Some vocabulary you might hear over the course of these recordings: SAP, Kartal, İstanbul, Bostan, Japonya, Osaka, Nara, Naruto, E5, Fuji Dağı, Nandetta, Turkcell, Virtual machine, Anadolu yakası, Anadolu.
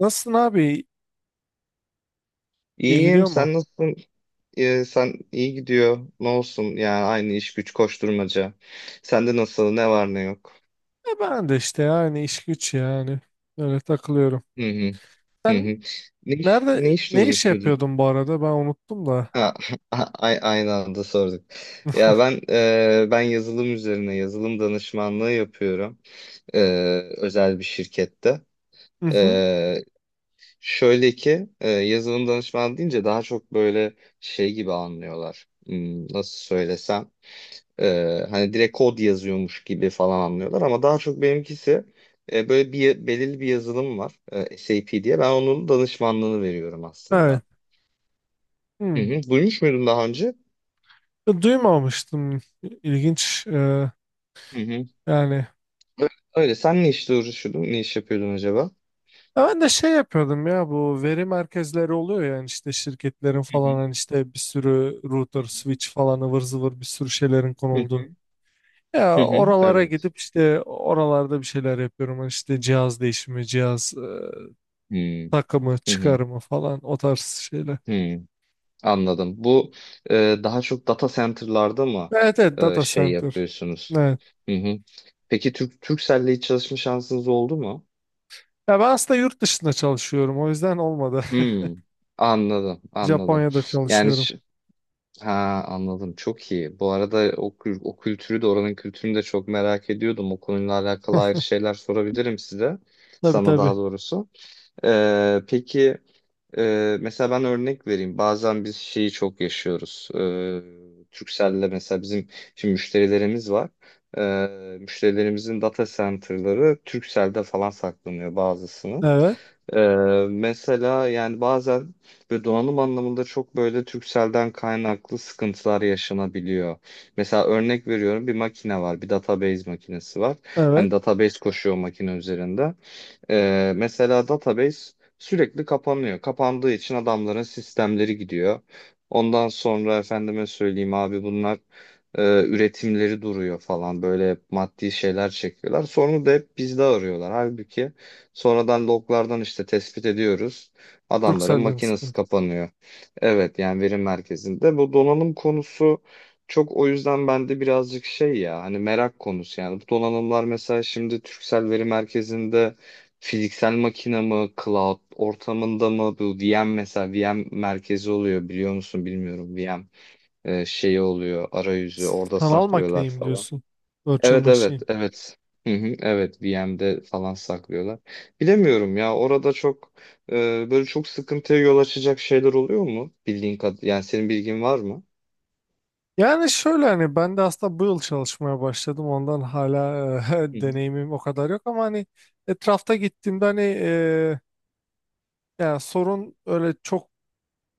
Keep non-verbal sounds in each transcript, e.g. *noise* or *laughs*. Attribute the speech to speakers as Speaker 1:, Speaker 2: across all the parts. Speaker 1: Nasılsın abi? İyi
Speaker 2: İyiyim.
Speaker 1: gidiyor mu?
Speaker 2: Sen nasılsın? Sen iyi gidiyor. Ne olsun? Yani aynı iş güç koşturmaca. Sende nasıl? Ne var ne yok?
Speaker 1: Ben de işte yani iş güç yani. Öyle takılıyorum.
Speaker 2: Hı hı. Hı
Speaker 1: Sen
Speaker 2: hı. Ne iş, ne
Speaker 1: nerede
Speaker 2: işle
Speaker 1: ne iş
Speaker 2: uğraşıyordun?
Speaker 1: yapıyordun bu arada? Ben unuttum da.
Speaker 2: Ha, *laughs* a- aynı anda sorduk. Ya ben ben yazılım üzerine yazılım danışmanlığı yapıyorum. E, Özel bir şirkette.
Speaker 1: Hı hı.
Speaker 2: E, Şöyle ki yazılım danışmanı deyince daha çok böyle şey gibi anlıyorlar. Nasıl söylesem? Hani direkt kod yazıyormuş gibi falan anlıyorlar ama daha çok benimkisi böyle bir belirli bir yazılım var SAP diye ben onun danışmanlığını veriyorum
Speaker 1: Evet.
Speaker 2: aslında. Hı
Speaker 1: Hı.
Speaker 2: hı. Duymuş muydun daha önce?
Speaker 1: Duymamıştım. İlginç.
Speaker 2: Hı hı.
Speaker 1: Yani.
Speaker 2: Ö- Öyle. Sen ne işle uğraşıyordun? Ne iş yapıyordun acaba?
Speaker 1: Ya ben de şey yapıyordum ya, bu veri merkezleri oluyor yani, işte şirketlerin
Speaker 2: Hı
Speaker 1: falan,
Speaker 2: hı.
Speaker 1: hani işte bir sürü
Speaker 2: Hı
Speaker 1: router, switch falan, ıvır zıvır bir sürü şeylerin konuldu.
Speaker 2: hı. Hı
Speaker 1: Ya
Speaker 2: hı.
Speaker 1: oralara
Speaker 2: Evet.
Speaker 1: gidip işte oralarda bir şeyler yapıyorum. Hani işte cihaz değişimi, cihaz
Speaker 2: Hı
Speaker 1: takımı,
Speaker 2: hı. Hı.
Speaker 1: çıkarımı falan o tarz şeyler.
Speaker 2: Hı. Anladım. Bu e, daha çok data center'larda mı
Speaker 1: Evet, evet, data
Speaker 2: şey
Speaker 1: center.
Speaker 2: yapıyorsunuz?
Speaker 1: Evet.
Speaker 2: Hı hı. Peki Turkcell'le hiç çalışma şansınız oldu mu?
Speaker 1: Ya ben aslında yurt dışında çalışıyorum, o yüzden olmadı.
Speaker 2: Hmm, Anladım,
Speaker 1: *laughs*
Speaker 2: anladım.
Speaker 1: Japonya'da
Speaker 2: Yani
Speaker 1: çalışıyorum.
Speaker 2: ha anladım. Çok iyi. Bu arada o, o kültürü de oranın kültürünü de çok merak ediyordum. O konuyla alakalı ayrı şeyler sorabilirim size.
Speaker 1: Tabii,
Speaker 2: Sana
Speaker 1: tabii.
Speaker 2: daha doğrusu. Peki mesela ben örnek vereyim. Bazen biz şeyi çok yaşıyoruz. Turkcell'le mesela bizim şimdi müşterilerimiz var. Müşterilerimizin data center'ları Turkcell'de falan saklanıyor bazısının.
Speaker 1: Evet,
Speaker 2: Ee, mesela yani bazen ve donanım anlamında çok böyle Turkcell'den kaynaklı sıkıntılar yaşanabiliyor. Mesela örnek veriyorum bir makine var, bir database makinesi var.
Speaker 1: evet.
Speaker 2: Hani database koşuyor makine üzerinde. Mesela database sürekli kapanıyor. Kapandığı için adamların sistemleri gidiyor. Ondan sonra efendime söyleyeyim abi bunlar üretimleri duruyor falan. Böyle maddi şeyler çekiyorlar. Sorunu da hep bizde arıyorlar. Halbuki sonradan loglardan işte tespit ediyoruz. Adamların
Speaker 1: Turkcell'de mi
Speaker 2: makinesi
Speaker 1: sıkıntı?
Speaker 2: kapanıyor. Evet yani veri merkezinde. Bu donanım konusu çok o yüzden bende birazcık şey ya hani merak konusu yani. Bu donanımlar mesela şimdi Türksel Veri Merkezi'nde fiziksel makine mi, cloud ortamında mı bu VM mesela VM merkezi oluyor biliyor musun bilmiyorum VM şeyi oluyor arayüzü orada
Speaker 1: Sanal
Speaker 2: saklıyorlar
Speaker 1: makineyi mi
Speaker 2: falan.
Speaker 1: diyorsun? Virtual
Speaker 2: Evet
Speaker 1: machine.
Speaker 2: evet. Hı hı, evet VM'de falan saklıyorlar. Bilemiyorum ya orada çok e, böyle çok sıkıntıya yol açacak şeyler oluyor mu? Bildiğin kad yani senin bilgin var mı?
Speaker 1: Yani şöyle, hani ben de aslında bu yıl çalışmaya başladım. Ondan hala *laughs*
Speaker 2: Hı
Speaker 1: deneyimim o kadar yok, ama hani etrafta gittiğimde hani yani sorun öyle çok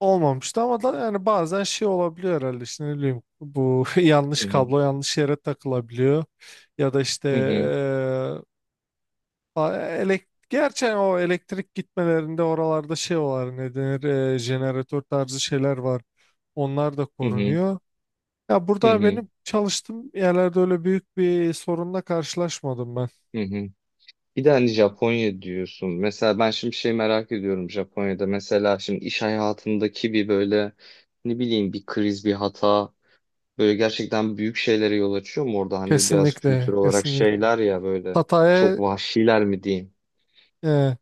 Speaker 1: olmamıştı, ama da yani bazen şey olabiliyor herhalde, işte ne bileyim, bu *laughs* yanlış
Speaker 2: hı. Hı
Speaker 1: kablo yanlış yere takılabiliyor, ya da işte
Speaker 2: hı. Hı
Speaker 1: elektrik, gerçi o elektrik gitmelerinde oralarda şey var, ne denir, jeneratör tarzı şeyler var, onlar da
Speaker 2: hı. Hı
Speaker 1: korunuyor. Ya
Speaker 2: hı.
Speaker 1: burada
Speaker 2: Hı.
Speaker 1: benim çalıştığım yerlerde öyle büyük bir sorunla karşılaşmadım ben.
Speaker 2: Hı hı. Bir de hani Japonya diyorsun. Mesela ben şimdi şey merak ediyorum Japonya'da. Mesela şimdi iş hayatındaki bir böyle ne bileyim bir kriz, bir hata böyle gerçekten büyük şeylere yol açıyor mu orada? Hani biraz kültür
Speaker 1: Kesinlikle,
Speaker 2: olarak
Speaker 1: kesinlikle.
Speaker 2: şeyler ya böyle çok
Speaker 1: Hataya
Speaker 2: vahşiler mi diyeyim?
Speaker 1: eee,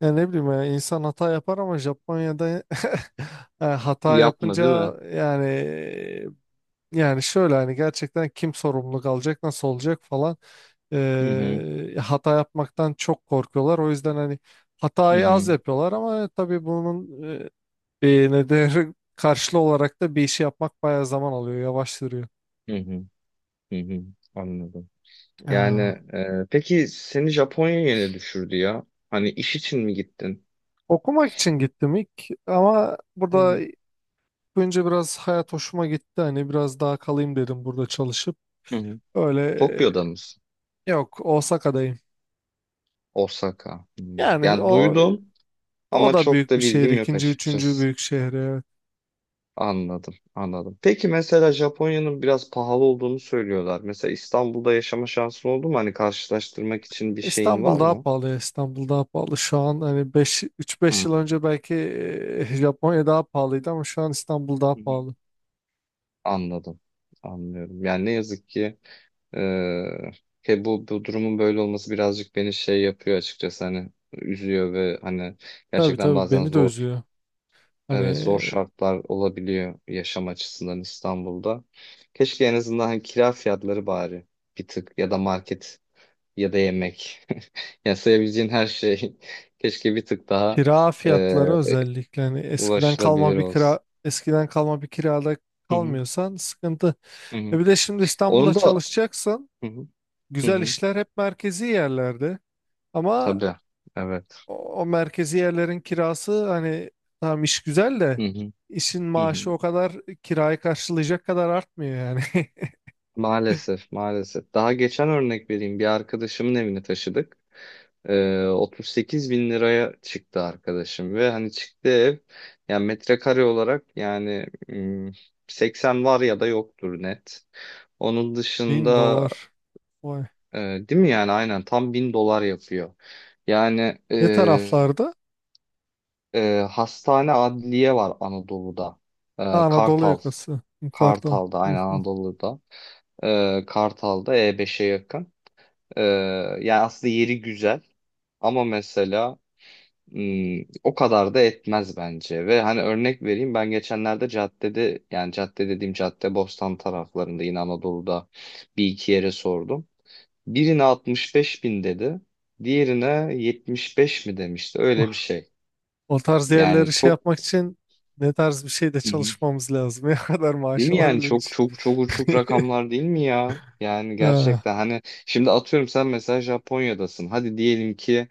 Speaker 1: ya ne bileyim, ya insan hata yapar, ama Japonya'da *laughs* hata
Speaker 2: Yapma
Speaker 1: yapınca
Speaker 2: değil mi?
Speaker 1: yani, şöyle hani gerçekten kim sorumluluk alacak, nasıl olacak falan,
Speaker 2: Hı hı,
Speaker 1: hata yapmaktan çok korkuyorlar. O yüzden hani
Speaker 2: hı
Speaker 1: hatayı az
Speaker 2: hı,
Speaker 1: yapıyorlar, ama tabii bunun nedeni karşılığı olarak da bir işi yapmak bayağı zaman alıyor, yavaştırıyor.
Speaker 2: hı hı, hı hı. Anladım. Yani
Speaker 1: Ya,
Speaker 2: peki seni Japonya'ya ne düşürdü ya? Hani iş için mi gittin?
Speaker 1: okumak için gittim ilk, ama
Speaker 2: Hı
Speaker 1: burada
Speaker 2: hı.
Speaker 1: önce biraz hayat hoşuma gitti. Hani biraz daha kalayım dedim burada çalışıp.
Speaker 2: Hı hı.
Speaker 1: Öyle.
Speaker 2: Tokyo'da mısın?
Speaker 1: Yok, Osaka'dayım.
Speaker 2: Osaka. Hı.
Speaker 1: Yani
Speaker 2: Yani duydum.
Speaker 1: o
Speaker 2: Ama
Speaker 1: da
Speaker 2: çok
Speaker 1: büyük bir
Speaker 2: da
Speaker 1: şehir.
Speaker 2: bilgim yok
Speaker 1: İkinci, üçüncü
Speaker 2: açıkçası.
Speaker 1: büyük şehir. Evet.
Speaker 2: Anladım, anladım. Peki mesela Japonya'nın biraz pahalı olduğunu söylüyorlar. Mesela İstanbul'da yaşama şansın oldu mu? Hani karşılaştırmak için bir şeyin
Speaker 1: İstanbul
Speaker 2: var
Speaker 1: daha
Speaker 2: mı?
Speaker 1: pahalı. Ya, İstanbul daha pahalı. Şu an hani 5 3-5
Speaker 2: Hı.
Speaker 1: yıl önce belki *laughs* Japonya daha pahalıydı, ama şu an İstanbul daha
Speaker 2: Hı hı.
Speaker 1: pahalı.
Speaker 2: Anladım, anlıyorum. Yani ne yazık ki eee, he bu, bu durumun böyle olması birazcık beni şey yapıyor açıkçası. Hani üzüyor ve hani
Speaker 1: Tabii,
Speaker 2: gerçekten
Speaker 1: tabii,
Speaker 2: bazen
Speaker 1: beni de
Speaker 2: zor.
Speaker 1: üzüyor. Hani
Speaker 2: Evet zor şartlar olabiliyor yaşam açısından İstanbul'da. Keşke en azından hani kira fiyatları bari bir tık ya da market ya da yemek. *laughs* Yani sayabileceğin her şey *laughs* keşke bir tık daha
Speaker 1: kira
Speaker 2: e,
Speaker 1: fiyatları özellikle, hani
Speaker 2: ulaşılabilir olsun.
Speaker 1: eskiden kalma bir kirada
Speaker 2: Hı hı,
Speaker 1: kalmıyorsan sıkıntı.
Speaker 2: hı
Speaker 1: E
Speaker 2: hı.
Speaker 1: bir de şimdi İstanbul'da
Speaker 2: Onu da
Speaker 1: çalışacaksın.
Speaker 2: hı hı, hı
Speaker 1: Güzel
Speaker 2: hı.
Speaker 1: işler hep merkezi yerlerde. Ama
Speaker 2: Tabii. Evet.
Speaker 1: o merkezi yerlerin kirası, hani tamam iş güzel de,
Speaker 2: Hı hı,
Speaker 1: işin
Speaker 2: hı
Speaker 1: maaşı
Speaker 2: hı.
Speaker 1: o kadar kirayı karşılayacak kadar artmıyor yani. *laughs*
Speaker 2: Maalesef, maalesef. Daha geçen örnek vereyim. Bir arkadaşımın evini taşıdık. 38 bin liraya çıktı arkadaşım ve hani çıktı ev yani metrekare olarak yani 80 var ya da yoktur net. Onun
Speaker 1: Bin
Speaker 2: dışında
Speaker 1: dolar. Vay.
Speaker 2: e, değil mi yani aynen tam 1.000 dolar yapıyor. Yani
Speaker 1: Ne taraflarda?
Speaker 2: hastane adliye var Anadolu'da.
Speaker 1: Ha,
Speaker 2: E,
Speaker 1: Anadolu
Speaker 2: Kartal.
Speaker 1: yakası. Yukarıda.
Speaker 2: Kartal'da
Speaker 1: *laughs* Hı
Speaker 2: aynen
Speaker 1: hı.
Speaker 2: Anadolu'da. Kartal'da E5'e yakın. Ee, Yani aslında yeri güzel ama mesela o kadar da etmez bence. Ve hani örnek vereyim ben geçenlerde caddede yani cadde dediğim cadde Bostan taraflarında yine Anadolu'da bir iki yere sordum. Birine 65 bin dedi. Diğerine 75 mi demişti
Speaker 1: Oh.
Speaker 2: öyle bir şey.
Speaker 1: O tarz
Speaker 2: Yani
Speaker 1: yerleri şey
Speaker 2: çok.
Speaker 1: yapmak için ne tarz bir şeyde
Speaker 2: Hı hı.
Speaker 1: çalışmamız lazım. *laughs* Ne kadar
Speaker 2: Değil
Speaker 1: maaş
Speaker 2: mi yani
Speaker 1: alabilmek
Speaker 2: çok
Speaker 1: için.
Speaker 2: çok çok uçuk
Speaker 1: *laughs*
Speaker 2: rakamlar değil mi ya? Yani
Speaker 1: Ha,
Speaker 2: gerçekten hani şimdi atıyorum sen mesela Japonya'dasın. Hadi diyelim ki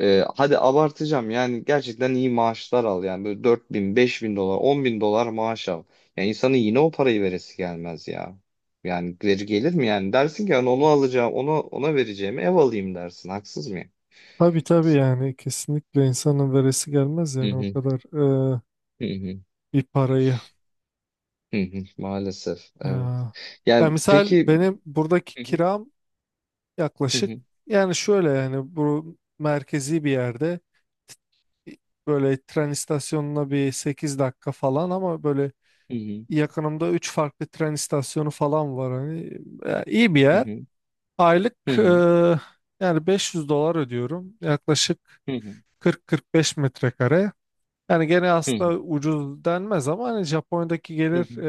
Speaker 2: hadi abartacağım yani gerçekten iyi maaşlar al yani böyle 4 bin, 5 bin dolar, 10 bin dolar maaş al. Yani insanın yine o parayı veresi gelmez ya. Yani geri gelir mi yani? Dersin ki yani onu alacağım, onu ona vereceğimi ev alayım dersin. Haksız mıyım?
Speaker 1: tabii, tabii, yani kesinlikle insanın veresi gelmez
Speaker 2: Hı
Speaker 1: yani o
Speaker 2: hı,
Speaker 1: kadar e,
Speaker 2: hı hı,
Speaker 1: bir parayı.
Speaker 2: hı hı. Maalesef evet.
Speaker 1: Ha. Ya
Speaker 2: Yani
Speaker 1: misal
Speaker 2: peki
Speaker 1: benim buradaki
Speaker 2: hı hı,
Speaker 1: kiram
Speaker 2: hı
Speaker 1: yaklaşık,
Speaker 2: hı,
Speaker 1: yani şöyle yani, bu merkezi bir yerde t- böyle tren istasyonuna bir 8 dakika falan, ama böyle
Speaker 2: hı hı,
Speaker 1: yakınımda 3 farklı tren istasyonu falan var. Hani iyi bir
Speaker 2: hı
Speaker 1: yer.
Speaker 2: hı,
Speaker 1: Aylık
Speaker 2: hı hı,
Speaker 1: yani 500 dolar ödüyorum. Yaklaşık
Speaker 2: hı hı.
Speaker 1: kırk beş metrekare. Yani gene
Speaker 2: Hı hı,
Speaker 1: aslında ucuz denmez, ama hani Japonya'daki
Speaker 2: hı
Speaker 1: gelir
Speaker 2: hı.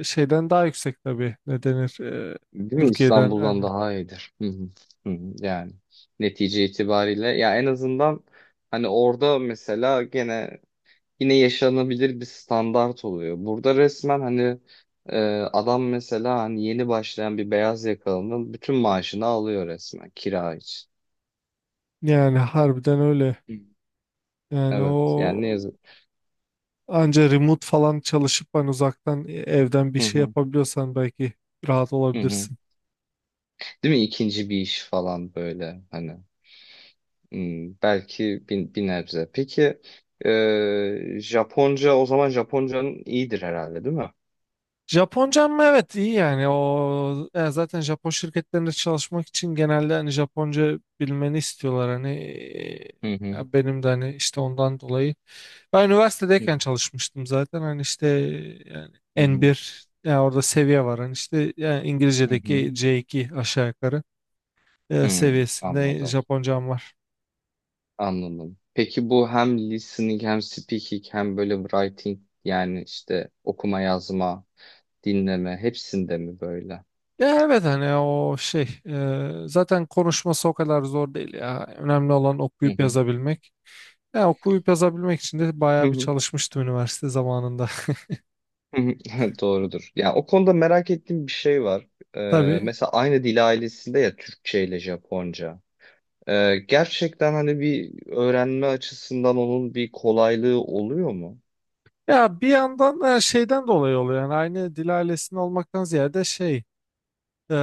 Speaker 1: şeyden daha yüksek tabii. Ne denir?
Speaker 2: Değil mi?
Speaker 1: Türkiye'den
Speaker 2: İstanbul'dan
Speaker 1: yani.
Speaker 2: daha iyidir. Hı hı, hı hı. Yani netice itibariyle ya en azından hani orada mesela gene yine yaşanabilir bir standart oluyor. Burada resmen hani e, adam mesela hani yeni başlayan bir beyaz yakalının bütün maaşını alıyor resmen kira için.
Speaker 1: Yani harbiden öyle.
Speaker 2: Hı.
Speaker 1: Yani
Speaker 2: Evet
Speaker 1: o,
Speaker 2: yani ne yazık.
Speaker 1: anca remote falan çalışıp hani uzaktan evden bir
Speaker 2: Hı
Speaker 1: şey
Speaker 2: hı,
Speaker 1: yapabiliyorsan belki rahat
Speaker 2: hı hı.
Speaker 1: olabilirsin.
Speaker 2: Değil mi? İkinci bir iş falan böyle hani. Hmm, belki bir, bir nebze. Peki Japonca o zaman Japoncanın iyidir herhalde değil mi?
Speaker 1: Japoncam mı? Evet, iyi yani, o yani, zaten Japon şirketlerinde çalışmak için genelde hani Japonca bilmeni istiyorlar, hani
Speaker 2: Hı hı.
Speaker 1: ya benim de hani işte ondan dolayı ben
Speaker 2: Hı
Speaker 1: üniversitedeyken çalışmıştım zaten, hani işte yani
Speaker 2: hı. Hı
Speaker 1: N1, yani orada seviye var, hani işte yani
Speaker 2: hı. Hı.
Speaker 1: İngilizce'deki C2 aşağı yukarı
Speaker 2: Hı, hı,
Speaker 1: seviyesinde
Speaker 2: anladım
Speaker 1: Japoncam var.
Speaker 2: anladım. Peki bu hem listening hem speaking hem böyle writing yani işte okuma yazma dinleme hepsinde mi böyle?
Speaker 1: Ya evet, hani o şey, zaten konuşması o kadar zor değil ya. Önemli olan
Speaker 2: Hı
Speaker 1: okuyup
Speaker 2: hı.
Speaker 1: yazabilmek. Ya okuyup yazabilmek için de
Speaker 2: Hı
Speaker 1: bayağı
Speaker 2: hı.
Speaker 1: bir
Speaker 2: Hı hı.
Speaker 1: çalışmıştım üniversite zamanında.
Speaker 2: *laughs* Doğrudur. Ya o konuda merak ettiğim bir şey var.
Speaker 1: *laughs* Tabii.
Speaker 2: Mesela aynı dil ailesinde ya Türkçe ile Japonca. Gerçekten hani bir öğrenme açısından onun bir kolaylığı oluyor mu?
Speaker 1: Ya bir yandan da şeyden dolayı oluyor, yani aynı dil ailesinin olmaktan ziyade şey, e,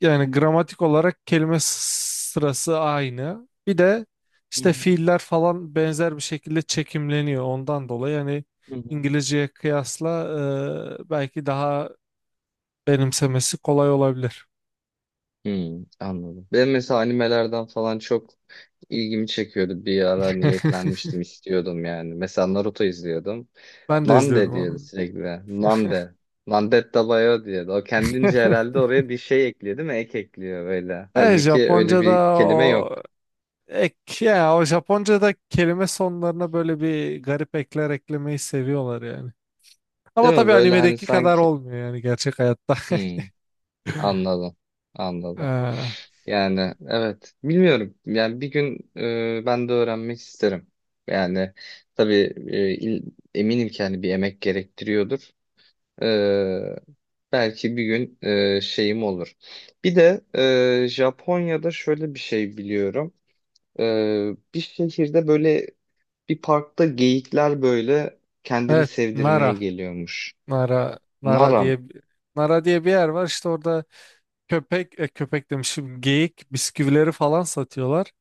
Speaker 1: yani gramatik olarak kelime sırası aynı. Bir de
Speaker 2: Hı
Speaker 1: işte
Speaker 2: hı.
Speaker 1: fiiller falan benzer bir şekilde çekimleniyor ondan dolayı yani
Speaker 2: Hı hı.
Speaker 1: İngilizceye kıyasla belki daha benimsemesi kolay olabilir.
Speaker 2: Anladım. Ben mesela animelerden falan çok ilgimi çekiyordu. Bir ara
Speaker 1: *laughs*
Speaker 2: niyetlenmiştim, istiyordum yani. Mesela Naruto izliyordum.
Speaker 1: Ben de
Speaker 2: Nande
Speaker 1: izliyordum
Speaker 2: diyordu
Speaker 1: onu.
Speaker 2: sürekli. Nande. Nandetta Bayo diyordu. O kendince herhalde
Speaker 1: *laughs*
Speaker 2: oraya bir şey ekliyor değil mi? Ek ekliyor böyle. Halbuki öyle
Speaker 1: Japonca'da
Speaker 2: bir kelime yok.
Speaker 1: o ek ya, o Japonca'da kelime sonlarına böyle bir garip ekler eklemeyi seviyorlar yani. Ama
Speaker 2: Değil mi?
Speaker 1: tabii
Speaker 2: Böyle hani
Speaker 1: animedeki kadar
Speaker 2: sanki...
Speaker 1: olmuyor yani gerçek hayatta. *laughs*
Speaker 2: Hmm. Anladım. Anladım.
Speaker 1: Ee,
Speaker 2: Yani evet bilmiyorum. Yani bir gün ben de öğrenmek isterim. Yani tabii e, il- eminim ki hani bir emek gerektiriyordur. E, Belki bir gün şeyim olur. Bir de Japonya'da şöyle bir şey biliyorum. E, Bir şehirde böyle bir parkta geyikler böyle kendini
Speaker 1: evet,
Speaker 2: sevdirmeye
Speaker 1: Nara.
Speaker 2: geliyormuş.
Speaker 1: Nara
Speaker 2: Naram.
Speaker 1: diye, Nara diye bir yer var işte, orada köpek, köpek demişim, geyik bisküvileri falan satıyorlar.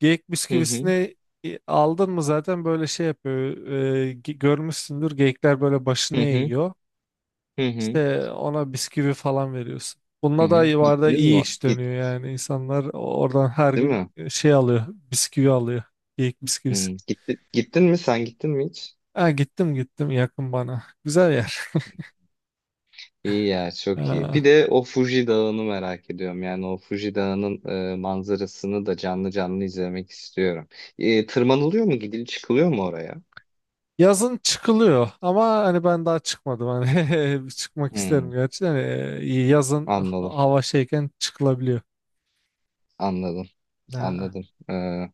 Speaker 1: Geyik
Speaker 2: Hı hı.
Speaker 1: bisküvisini aldın mı zaten böyle şey yapıyor. Görmüşsündür, geyikler böyle
Speaker 2: Hı
Speaker 1: başını
Speaker 2: hı.
Speaker 1: eğiyor.
Speaker 2: Hı hı.
Speaker 1: İşte ona bisküvi falan veriyorsun.
Speaker 2: Hı
Speaker 1: Bununla da
Speaker 2: hı.
Speaker 1: yuvarda
Speaker 2: Gittiniz
Speaker 1: iyi
Speaker 2: mi?
Speaker 1: iş
Speaker 2: Git.
Speaker 1: dönüyor yani. İnsanlar oradan her
Speaker 2: Değil
Speaker 1: gün
Speaker 2: mi?
Speaker 1: şey alıyor. Bisküvi alıyor. Geyik bisküvisi.
Speaker 2: Hmm. Gittin mi sen gittin mi hiç?
Speaker 1: Ha, gittim, yakın bana. Güzel yer.
Speaker 2: İyi ya çok iyi. Bir
Speaker 1: Ha.
Speaker 2: de o Fuji Dağı'nı merak ediyorum. Yani o Fuji Dağı'nın manzarasını da canlı canlı izlemek istiyorum. Tırmanılıyor mu? Çıkılıyor mu oraya?
Speaker 1: Yazın çıkılıyor, ama hani ben daha çıkmadım, hani *laughs* çıkmak
Speaker 2: Hmm,
Speaker 1: isterim gerçi, hani yazın
Speaker 2: Anladım,
Speaker 1: hava şeyken çıkılabiliyor.
Speaker 2: anladım,
Speaker 1: Ha.
Speaker 2: anladım. Ee,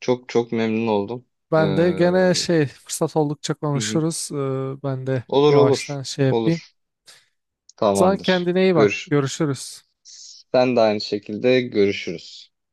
Speaker 2: Çok çok memnun oldum.
Speaker 1: Ben de gene
Speaker 2: Hı
Speaker 1: şey, fırsat oldukça
Speaker 2: hı.
Speaker 1: konuşuruz. Ben de
Speaker 2: Olur olur,
Speaker 1: yavaştan şey yapayım.
Speaker 2: olur.
Speaker 1: Sen
Speaker 2: Tamamdır.
Speaker 1: kendine iyi bak.
Speaker 2: Görüş.
Speaker 1: Görüşürüz.
Speaker 2: Sen de aynı şekilde görüşürüz.